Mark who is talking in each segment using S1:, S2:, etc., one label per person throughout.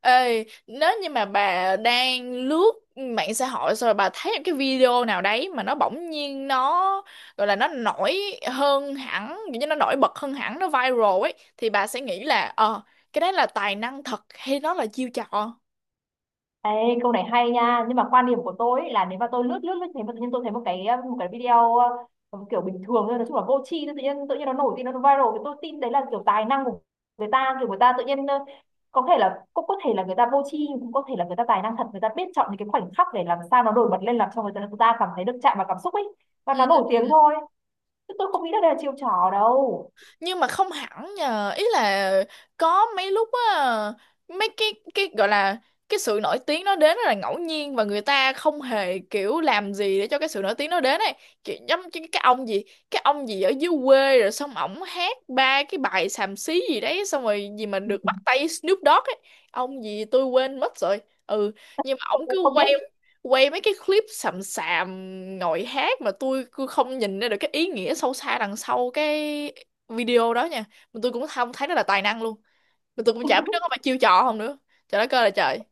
S1: Ê, nếu như mà bà đang lướt mạng xã hội xong rồi bà thấy một cái video nào đấy mà nó bỗng nhiên gọi là nó nổi hơn hẳn, kiểu như nó nổi bật hơn hẳn, nó viral ấy thì bà sẽ nghĩ là cái đấy là tài năng thật hay nó là chiêu trò.
S2: Ê, câu này hay nha, nhưng mà quan điểm của tôi ấy là nếu mà tôi lướt lướt lướt thấy mà tự nhiên tôi thấy một cái một cái video kiểu bình thường thôi, nói chung là vô tri thôi, tự nhiên nó nổi tin, nó viral thì tôi tin đấy là kiểu tài năng của người ta. Kiểu người ta tự nhiên có thể là, cũng có thể là người ta vô tri, cũng có thể là người ta tài năng thật, người ta biết chọn những cái khoảnh khắc để làm sao nó nổi bật lên, làm cho người ta cảm thấy được chạm vào cảm xúc ấy, và nó nổi
S1: Ừ.
S2: tiếng thôi, chứ tôi không nghĩ là đây là chiêu trò đâu.
S1: Nhưng mà không hẳn nhờ, ý là có mấy lúc á, mấy cái gọi là cái sự nổi tiếng nó đến rất là ngẫu nhiên và người ta không hề kiểu làm gì để cho cái sự nổi tiếng nó đến ấy, kiểu giống như cái ông gì ở dưới quê rồi xong ổng hát ba cái bài xàm xí gì đấy xong rồi gì mà
S2: Ừ.
S1: được bắt tay Snoop Dogg ấy. Ông gì tôi quên mất rồi. Ừ, nhưng mà
S2: Tôi
S1: ổng
S2: cũng
S1: cứ
S2: không
S1: quay
S2: biết.
S1: quay mấy cái clip sầm sàm, ngồi hát mà tôi cứ không nhìn ra được cái ý nghĩa sâu xa đằng sau cái video đó nha. Mà tôi cũng không thấy nó là tài năng luôn, mà tôi cũng chả biết nó có phải chiêu trò không nữa. Trời đất ơi là trời.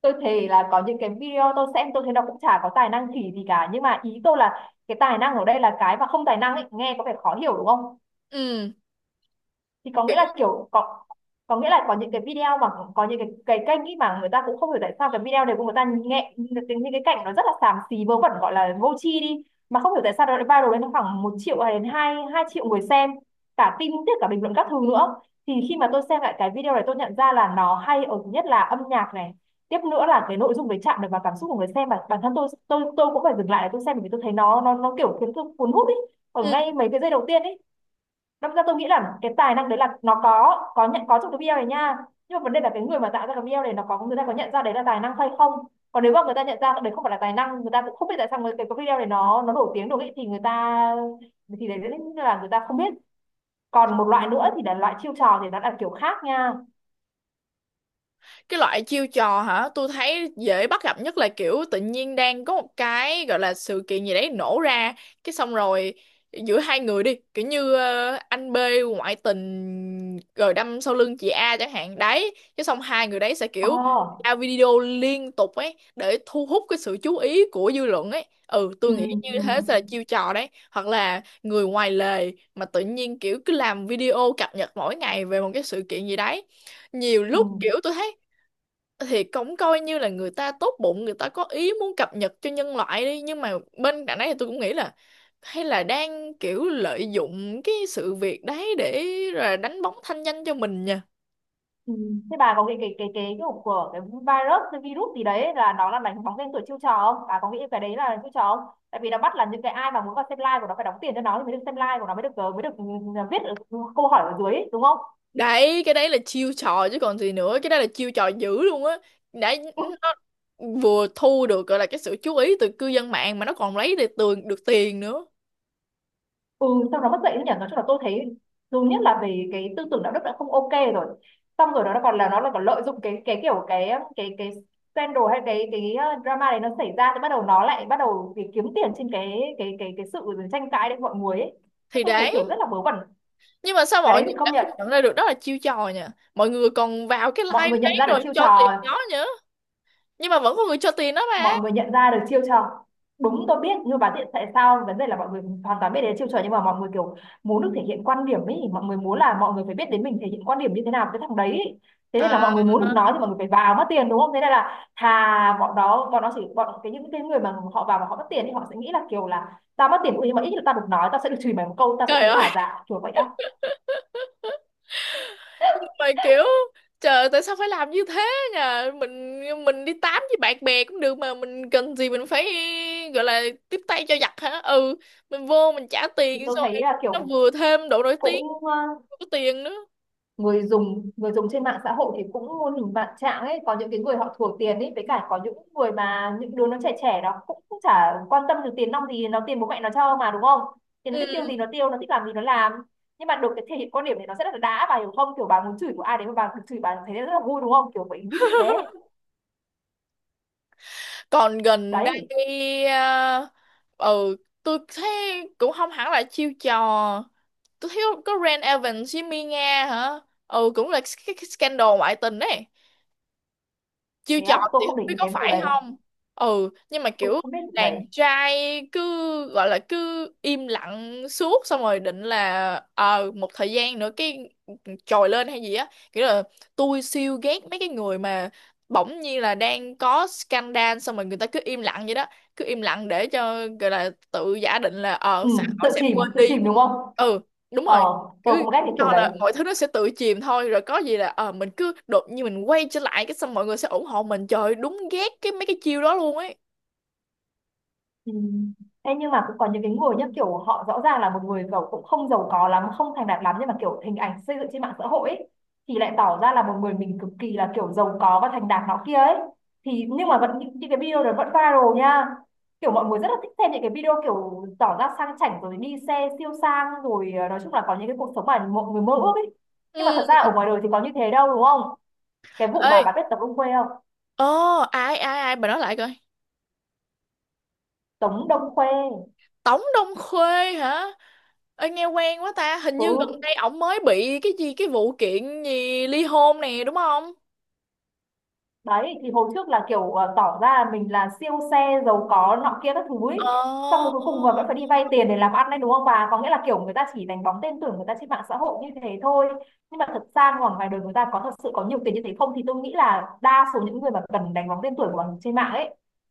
S2: Tôi thấy là có những cái video tôi xem tôi thấy nó cũng chả có tài năng khỉ gì cả, nhưng mà ý tôi là cái tài năng ở đây là cái mà không tài năng ấy, nghe có vẻ khó hiểu đúng không?
S1: Ừ,
S2: Thì có
S1: kiểu.
S2: nghĩa là kiểu có nghĩa là có những cái video mà có những cái kênh ý mà người ta cũng không hiểu tại sao cái video này của người ta, nghe những cái cảnh nó rất là xàm xí vớ vẩn, gọi là vô tri đi, mà không hiểu tại sao nó lại viral lên khoảng một triệu hay đến hai hai triệu người xem, cả tin tức cả bình luận các thứ nữa. Thì khi mà tôi xem lại cái video này, tôi nhận ra là nó hay ở thứ nhất là âm nhạc này, tiếp nữa là cái nội dung đấy chạm được vào cảm xúc của người xem, và bản thân tôi tôi cũng phải dừng lại để tôi xem, bởi vì tôi thấy nó kiểu khiến tôi cuốn hút ý, ở
S1: Ừ,
S2: ngay mấy cái giây đầu tiên ý. Đâm ra tôi nghĩ là cái tài năng đấy là nó có trong cái BL này nha, nhưng mà vấn đề là cái người mà tạo ra cái BL này nó có, người ta có nhận ra đấy là tài năng hay không. Còn nếu mà người ta nhận ra đấy không phải là tài năng, người ta cũng không biết tại sao cái video này nó nổi tiếng được ấy, thì người ta, thì đấy là người ta không biết. Còn một loại nữa thì là loại chiêu trò, thì nó là kiểu khác nha.
S1: cái loại chiêu trò hả, tôi thấy dễ bắt gặp nhất là kiểu tự nhiên đang có một cái gọi là sự kiện gì đấy nổ ra, cái xong rồi giữa hai người đi, kiểu như anh B ngoại tình rồi đâm sau lưng chị A chẳng hạn đấy, cái xong hai người đấy sẽ
S2: Ờ.
S1: kiểu ra video liên tục ấy để thu hút cái sự chú ý của dư luận ấy. Ừ,
S2: Ừ,
S1: tôi nghĩ như
S2: ừ,
S1: thế sẽ là chiêu trò đấy, hoặc là người ngoài lề mà tự nhiên kiểu cứ làm video cập nhật mỗi ngày về một cái sự kiện gì đấy. Nhiều lúc
S2: ừ.
S1: kiểu tôi thấy thì cũng coi như là người ta tốt bụng, người ta có ý muốn cập nhật cho nhân loại đi, nhưng mà bên cạnh đấy thì tôi cũng nghĩ là hay là đang kiểu lợi dụng cái sự việc đấy để là đánh bóng thanh danh cho mình nha.
S2: Ừ. Thế bà có cái kiểu của cái virus, cái virus gì đấy là nó là đánh bóng tên tuổi, chiêu trò không? Bà có nghĩ cái đấy là chiêu trò không? Tại vì nó bắt là những cái ai mà muốn vào xem live của nó phải đóng tiền cho nó thì mới được xem live của nó, mới được mới được viết ở câu hỏi ở dưới ấy, đúng không?
S1: Đấy, cái đấy là chiêu trò chứ còn gì nữa, cái đấy là chiêu trò dữ luôn á. Đấy, nó vừa thu được gọi là cái sự chú ý từ cư dân mạng mà nó còn lấy được tường được tiền nữa.
S2: Ừ, sau đó mất dạy đấy nhỉ. Nói chung là tôi thấy, dù nhất là về cái tư tưởng đạo đức đã không ok rồi, xong rồi nó còn là, nó là còn lợi dụng cái kiểu cái scandal hay cái drama này nó xảy ra, thì bắt đầu nó lại bắt đầu vì kiếm tiền trên cái sự tranh cãi đấy của mọi người ấy. Thế
S1: Thì
S2: tôi thấy
S1: đấy,
S2: kiểu rất là vớ vẩn.
S1: nhưng mà sao
S2: Cái
S1: mọi
S2: đấy
S1: người
S2: thì công
S1: đã
S2: nhận.
S1: không nhận ra được đó là chiêu trò nha, mọi người còn vào cái
S2: Mọi
S1: live
S2: người
S1: đấy
S2: nhận ra được
S1: rồi
S2: chiêu
S1: cho tiền
S2: trò.
S1: nó nha, nhưng mà vẫn có người cho tiền đó mà.
S2: Mọi người nhận ra được chiêu trò, đúng, tôi biết. Nhưng mà tại, tại sao, vấn đề là mọi người hoàn toàn biết đến chiêu trò, nhưng mà mọi người kiểu muốn được thể hiện quan điểm ấy, mọi người muốn là mọi người phải biết đến mình thể hiện quan điểm như thế nào với thằng đấy ấy. Thế nên là
S1: À,
S2: mọi người muốn được nói thì mọi người phải vào mất tiền, đúng không? Thế nên là thà bọn đó, bọn nó chỉ bọn cái những cái người mà họ vào mà họ mất tiền thì họ sẽ nghĩ là kiểu là tao mất tiền ui, nhưng mà ít nhất là tao được nói, tao sẽ được chửi mày một câu, tao sẽ
S1: trời
S2: thấy
S1: ơi,
S2: hả dạ, kiểu vậy á.
S1: nhưng mà kiểu trời, tại sao phải làm như thế nhờ. Mình đi tám với bạn bè cũng được mà, mình cần gì mình phải gọi là tiếp tay cho giặc hả. Ừ, mình vô mình trả
S2: Thì
S1: tiền
S2: tôi
S1: xong
S2: thấy
S1: rồi
S2: là
S1: nó
S2: kiểu
S1: vừa thêm độ nổi tiếng,
S2: cũng
S1: vừa có tiền nữa.
S2: người dùng trên mạng xã hội thì cũng muôn hình vạn trạng ấy, có những cái người họ thua tiền ấy, với cả có những người mà những đứa nó trẻ trẻ nó cũng, cũng chả quan tâm được tiền nong gì, nó tiền bố mẹ nó cho mà đúng không, thì nó
S1: Ừ.
S2: thích tiêu gì nó tiêu, nó thích làm gì nó làm. Nhưng mà được cái thể hiện quan điểm này nó rất là đã, bà hiểu không? Kiểu bà muốn chửi của ai đấy mà bà được chửi bà thấy rất là vui, đúng không? Kiểu vậy, ví dụ thế.
S1: Còn gần
S2: Đấy.
S1: đây à, ừ tôi thấy cũng không hẳn là chiêu trò, tôi thấy có Ren Evans với Mia Nga hả. Ừ, cũng là cái scandal ngoại tình đấy, chiêu
S2: Thế
S1: trò
S2: á, tôi
S1: thì
S2: không
S1: không
S2: để
S1: biết
S2: ý
S1: có
S2: cái vụ
S1: phải
S2: đấy.
S1: không. Ừ, nhưng mà
S2: Tôi
S1: kiểu
S2: không biết vụ đấy.
S1: đàn trai cứ gọi là cứ im lặng suốt xong rồi định là một thời gian nữa cái trồi lên hay gì á, kiểu là tôi siêu ghét mấy cái người mà bỗng nhiên là đang có scandal xong rồi người ta cứ im lặng vậy đó, cứ im lặng để cho gọi là tự giả định là
S2: Ừ,
S1: xã hội
S2: tự
S1: sẽ
S2: chìm
S1: quên
S2: tự chìm
S1: đi.
S2: đúng không?
S1: Ừ, đúng
S2: Ờ,
S1: rồi,
S2: tôi
S1: cứ
S2: cũng ghét cái kiểu
S1: cho
S2: đấy.
S1: là mọi thứ nó sẽ tự chìm thôi rồi có gì là mình cứ đột nhiên mình quay trở lại, cái xong mọi người sẽ ủng hộ mình. Trời ơi, đúng ghét cái mấy cái chiêu đó luôn ấy.
S2: Ừ. Ê, nhưng mà cũng có những cái người nhá, kiểu họ rõ ràng là một người giàu, cũng không giàu có lắm, không thành đạt lắm, nhưng mà kiểu hình ảnh xây dựng trên mạng xã hội ấy, thì lại tỏ ra là một người mình cực kỳ là kiểu giàu có và thành đạt nó kia ấy. Thì nhưng mà vẫn những cái video đó vẫn viral nha. Kiểu mọi người rất là thích xem những cái video kiểu tỏ ra sang chảnh, rồi đi xe siêu sang, rồi nói chung là có những cái cuộc sống mà mọi người mơ ước ấy. Nhưng mà thật
S1: Ừ.
S2: ra ở ngoài đời thì có như thế đâu, đúng không? Cái vụ mà bà
S1: Ê,
S2: biết Tống Đông Khuê không?
S1: ồ, ai ai ai bà nói lại coi.
S2: Tống Đông Khuê.
S1: Tống Đông Khuê hả? Ê, nghe quen quá ta, hình như gần
S2: Ừ,
S1: đây ổng mới bị cái gì cái vụ kiện gì ly hôn nè, đúng không?
S2: đấy, thì hồi trước là kiểu tỏ ra mình là siêu xe, giàu có nọ kia các thứ ấy,
S1: Ờ,
S2: xong rồi cuối cùng mà vẫn phải đi vay tiền để làm ăn đấy, đúng không? Bà có nghĩa là kiểu người ta chỉ đánh bóng tên tưởng người ta trên mạng xã hội như thế thôi, nhưng mà thật ra ngoài ngoài đời người ta có thật sự có nhiều tiền như thế không? Thì tôi nghĩ là đa số những người mà cần đánh bóng tên tuổi của mình trên mạng ấy,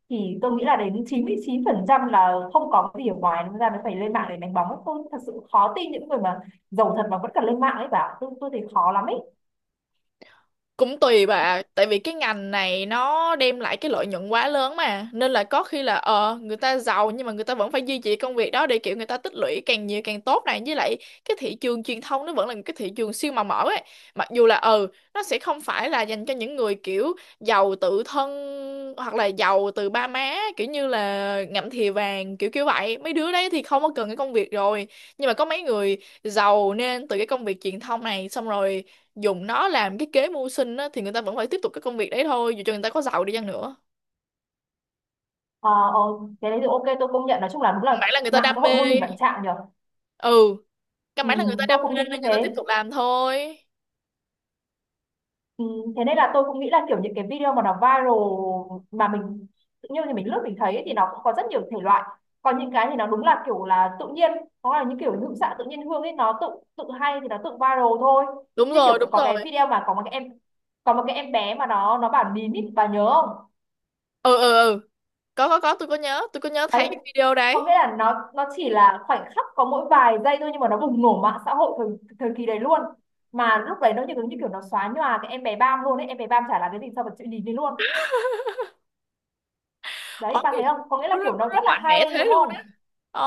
S2: thì tôi nghĩ là đến 99% là không có cái gì ở ngoài, nên ra mới phải lên mạng để đánh bóng ấy. Tôi thật sự khó tin những người mà giàu thật mà vẫn cần lên mạng ấy bà, tôi thấy khó lắm ấy.
S1: cũng tùy bà, tại vì cái ngành này nó đem lại cái lợi nhuận quá lớn mà, nên là có khi là người ta giàu nhưng mà người ta vẫn phải duy trì công việc đó để kiểu người ta tích lũy càng nhiều càng tốt này, với lại cái thị trường truyền thông nó vẫn là một cái thị trường siêu màu mỡ ấy. Mặc dù là ừ nó sẽ không phải là dành cho những người kiểu giàu tự thân hoặc là giàu từ ba má kiểu như là ngậm thìa vàng kiểu kiểu vậy, mấy đứa đấy thì không có cần cái công việc rồi. Nhưng mà có mấy người giàu nên từ cái công việc truyền thông này xong rồi dùng nó làm cái kế mưu sinh á, thì người ta vẫn phải tiếp tục cái công việc đấy thôi dù cho người ta có giàu đi chăng nữa.
S2: Ờ, ờ, cái đấy thì ok, tôi công nhận. Nói chung là đúng
S1: Căn
S2: là
S1: bản là người ta
S2: mạng
S1: đam
S2: xã hội
S1: mê.
S2: muôn hình vạn trạng nhở.
S1: Ừ, căn
S2: Ừ,
S1: bản là người ta
S2: tôi
S1: đam mê
S2: cũng
S1: nên
S2: nghĩ như
S1: người ta
S2: thế.
S1: tiếp tục làm thôi.
S2: Ừ, thế nên là tôi cũng nghĩ là kiểu những cái video mà nó viral mà mình tự nhiên thì mình lướt mình thấy ấy, thì nó cũng có rất nhiều thể loại. Còn những cái thì nó đúng là kiểu là tự nhiên, có là những kiểu hữu xạ tự nhiên hương ấy, nó tự tự hay thì nó tự viral thôi.
S1: Đúng
S2: Như kiểu
S1: rồi, đúng
S2: có
S1: rồi.
S2: cái video mà có một cái em, có một cái em bé mà nó bảo nín ý, bà nhớ không?
S1: Ừ ừ ừ, có, tôi có nhớ, tôi có nhớ thấy
S2: Đấy,
S1: cái video
S2: có
S1: đấy.
S2: nghĩa là nó chỉ là khoảnh khắc có mỗi vài giây thôi, nhưng mà nó bùng nổ mạng xã hội thời kỳ đấy luôn, mà lúc đấy nó như kiểu nó xóa nhòa cái em bé Bam luôn ấy, em bé Bam chả là cái gì so với chuyện nhìn đi luôn. Đấy,
S1: Ôi,
S2: bạn thấy không, có nghĩa là kiểu nó
S1: lúc đó
S2: rất là
S1: mạnh
S2: hay
S1: mẽ thế
S2: đúng
S1: luôn.
S2: không?
S1: Ồ.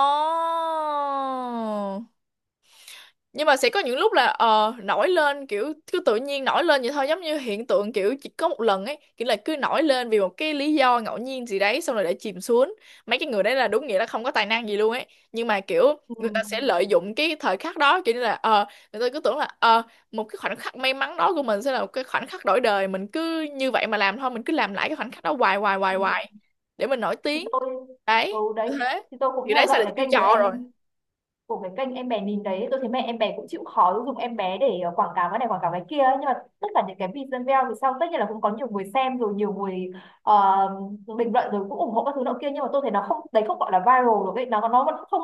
S1: Nhưng mà sẽ có những lúc là nổi lên kiểu cứ tự nhiên nổi lên vậy thôi, giống như hiện tượng kiểu chỉ có một lần ấy, kiểu là cứ nổi lên vì một cái lý do ngẫu nhiên gì đấy xong rồi để chìm xuống. Mấy cái người đấy là đúng nghĩa là không có tài năng gì luôn ấy. Nhưng mà kiểu người
S2: Ừ.
S1: ta sẽ lợi dụng cái thời khắc đó, kiểu như là người ta cứ tưởng là một cái khoảnh khắc may mắn đó của mình sẽ là một cái khoảnh khắc đổi đời, mình cứ như vậy mà làm thôi, mình cứ làm lại cái khoảnh khắc đó hoài hoài hoài
S2: Ừ.
S1: hoài để mình nổi
S2: Thì
S1: tiếng.
S2: tôi, ừ
S1: Đấy,
S2: đấy,
S1: như thế.
S2: thì tôi cũng
S1: Thì đấy
S2: theo
S1: sẽ
S2: dõi
S1: là
S2: cái
S1: chiêu
S2: kênh của
S1: trò
S2: em,
S1: rồi.
S2: của cái kênh em bé nhìn đấy, tôi thấy mẹ em bé cũng chịu khó dùng em bé để quảng cáo cái này, quảng cáo cái kia ấy. Nhưng mà tất cả những cái video thì sau tất nhiên là cũng có nhiều người xem rồi, nhiều người ờ, bình luận rồi cũng ủng hộ các thứ nọ kia, nhưng mà tôi thấy nó không, đấy không gọi là viral được ấy, nó vẫn không,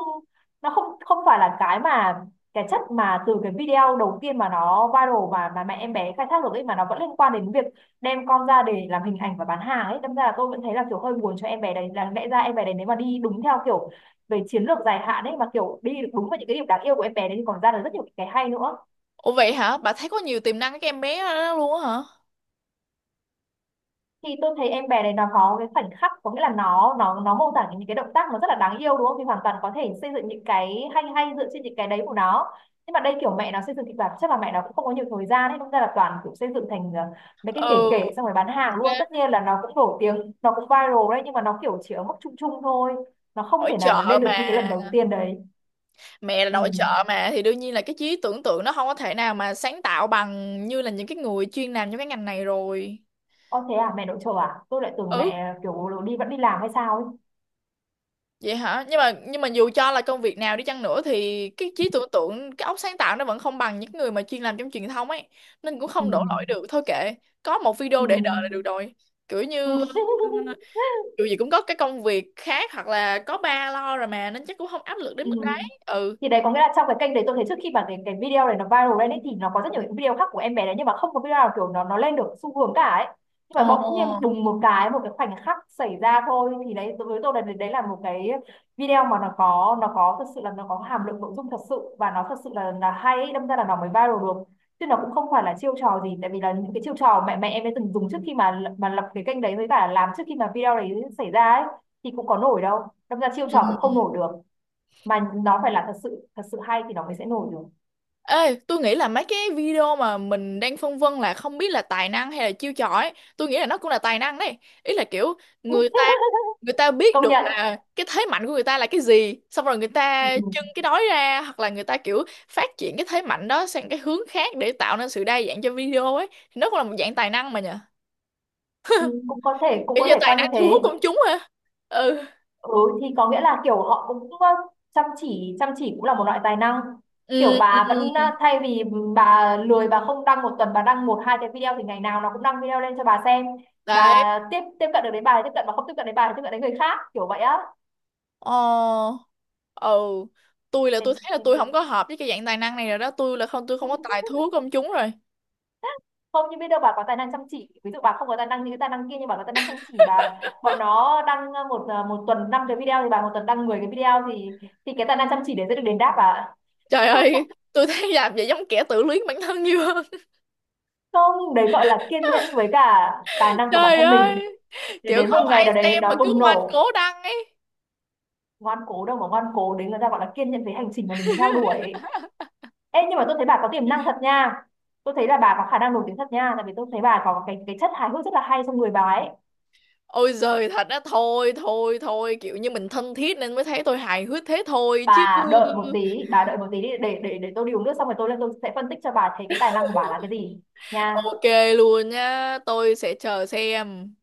S2: nó không không phải là cái mà cái chất mà từ cái video đầu tiên mà nó viral mà mẹ em bé khai thác được ấy, mà nó vẫn liên quan đến việc đem con ra để làm hình ảnh và bán hàng ấy. Đâm ra là tôi vẫn thấy là kiểu hơi buồn cho em bé đấy, là lẽ ra em bé đấy nếu mà đi đúng theo kiểu về chiến lược dài hạn ấy, mà kiểu đi được đúng vào những cái điểm đáng yêu của em bé đấy thì còn ra được rất nhiều cái hay nữa.
S1: Ủa vậy hả? Bà thấy có nhiều tiềm năng cái em bé đó luôn á hả?
S2: Thì tôi thấy em bé này nó có cái khoảnh khắc, có nghĩa là nó mô tả những cái động tác nó rất là đáng yêu đúng không, thì hoàn toàn có thể xây dựng những cái hay hay dựa trên những cái đấy của nó. Nhưng mà đây kiểu mẹ nó xây dựng kịch bản, chắc là mẹ nó cũng không có nhiều thời gian ấy, nên ra là toàn kiểu xây dựng thành mấy cái kể
S1: Ừ,
S2: kể xong rồi bán hàng luôn. Tất nhiên là nó cũng nổi tiếng, nó cũng viral đấy, nhưng mà nó kiểu chỉ ở mức chung chung thôi, nó không
S1: nội
S2: thể nào mà
S1: trợ
S2: lên
S1: mà,
S2: được như cái lần đầu tiên đấy.
S1: mẹ là
S2: Ừ.
S1: nội trợ mà thì đương nhiên là cái trí tưởng tượng nó không có thể nào mà sáng tạo bằng như là những cái người chuyên làm trong cái ngành này rồi.
S2: Ơ thế à, mẹ nội trợ à? Tôi lại tưởng
S1: Ừ,
S2: mẹ kiểu đi vẫn đi làm hay sao ấy.
S1: vậy hả? Nhưng mà dù cho là công việc nào đi chăng nữa thì cái trí tưởng tượng, cái óc sáng tạo nó vẫn không bằng những người mà chuyên làm trong truyền thông ấy, nên cũng
S2: Ừ.
S1: không đổ lỗi được. Thôi kệ, có một
S2: Ừ.
S1: video để đời là được rồi. Kiểu như dù gì cũng có cái công việc khác hoặc là có ba lo rồi mà, nên chắc cũng không áp lực đến
S2: Ừ.
S1: mức đấy. Ừ,
S2: Thì đấy có nghĩa là trong cái kênh đấy tôi thấy trước khi mà cái video này nó viral lên ấy, thì nó có rất nhiều những video khác của em bé đấy, nhưng mà không có video nào kiểu nó lên được xu hướng cả ấy. Nhưng mà bỗng nhiên
S1: ồ,
S2: đùng một cái, một cái khoảnh khắc xảy ra thôi, thì đấy đối với tôi là đấy là một cái video mà nó có, nó có thật sự là nó có hàm lượng nội dung thật sự, và nó thật sự là hay ấy, đâm ra là nó mới viral được. Chứ nó cũng không phải là chiêu trò gì, tại vì là những cái chiêu trò mẹ mẹ em ấy từng dùng trước khi mà lập cái kênh đấy với cả làm trước khi mà video đấy xảy ra ấy thì cũng có nổi đâu, đâm ra chiêu trò cũng
S1: ừ.
S2: không nổi được, mà nó phải là thật sự hay thì nó mới sẽ nổi được.
S1: Ê, tôi nghĩ là mấy cái video mà mình đang phân vân là không biết là tài năng hay là chiêu trò ấy, tôi nghĩ là nó cũng là tài năng đấy. Ý là kiểu người ta người ta biết
S2: Công
S1: được
S2: nhận.
S1: là cái thế mạnh của người ta là cái gì xong rồi người ta trưng
S2: Ừ.
S1: cái đó ra, hoặc là người ta kiểu phát triển cái thế mạnh đó sang cái hướng khác để tạo nên sự đa dạng cho video ấy, thì nó cũng là một dạng tài năng mà nhỉ.
S2: Ừ, cũng có thể, cũng
S1: Kiểu
S2: có
S1: như
S2: thể
S1: tài
S2: coi như
S1: năng thu hút
S2: thế.
S1: công chúng ha. Ừ
S2: Ừ, thì có nghĩa là kiểu họ cũng chăm chỉ, chăm chỉ cũng là một loại tài năng. Kiểu
S1: ừ ừ.
S2: bà vẫn
S1: Ừ.
S2: thay vì bà lười bà không đăng, một tuần bà đăng một hai cái video, thì ngày nào nó cũng đăng video lên cho bà xem. Bà
S1: Đấy.
S2: tiếp tiếp cận được đến bà thì tiếp cận, mà không tiếp cận đến bà thì tiếp cận đến người khác kiểu vậy á.
S1: Ờ, ừ, tôi là
S2: Thế,
S1: tôi thấy là
S2: thế
S1: tôi không có hợp với cái dạng tài năng này rồi đó, tôi không có tài thú công chúng rồi.
S2: không, nhưng biết đâu bà có tài năng chăm chỉ, ví dụ bà không có tài năng như cái tài năng kia nhưng bà có tài năng chăm chỉ. Bà bọn nó đăng một một tuần 5 cái video thì bà một tuần đăng 10 cái video thì cái tài năng chăm chỉ đấy sẽ được đền đáp bà ạ.
S1: Trời ơi, tôi thấy làm vậy giống kẻ tự luyến bản thân nhiều hơn.
S2: Không đấy gọi là kiên nhẫn với cả tài năng của bản
S1: Trời
S2: thân mình,
S1: ơi,
S2: để
S1: kiểu
S2: đến một
S1: không
S2: ngày
S1: ai
S2: nào đấy
S1: xem mà
S2: nó
S1: cứ
S2: bùng
S1: ngoan cố
S2: nổ.
S1: đăng ấy.
S2: Ngoan cố đâu mà ngoan cố, đấy người ta gọi là kiên nhẫn với hành trình mà mình theo đuổi. Ê, nhưng mà tôi thấy bà có tiềm năng thật nha, tôi thấy là bà có khả năng nổi tiếng thật nha, tại vì tôi thấy bà có cái chất hài hước rất là hay trong người bà ấy.
S1: Ôi giời, thật á? Thôi thôi thôi, kiểu như mình thân thiết nên mới thấy tôi hài hước thế thôi chứ.
S2: Bà đợi một tí, bà đợi một tí đi, để tôi đi uống nước xong rồi tôi lên tôi sẽ phân tích cho bà thấy cái tài năng của bà là cái gì nha.
S1: Ok luôn nha, tôi sẽ chờ xem.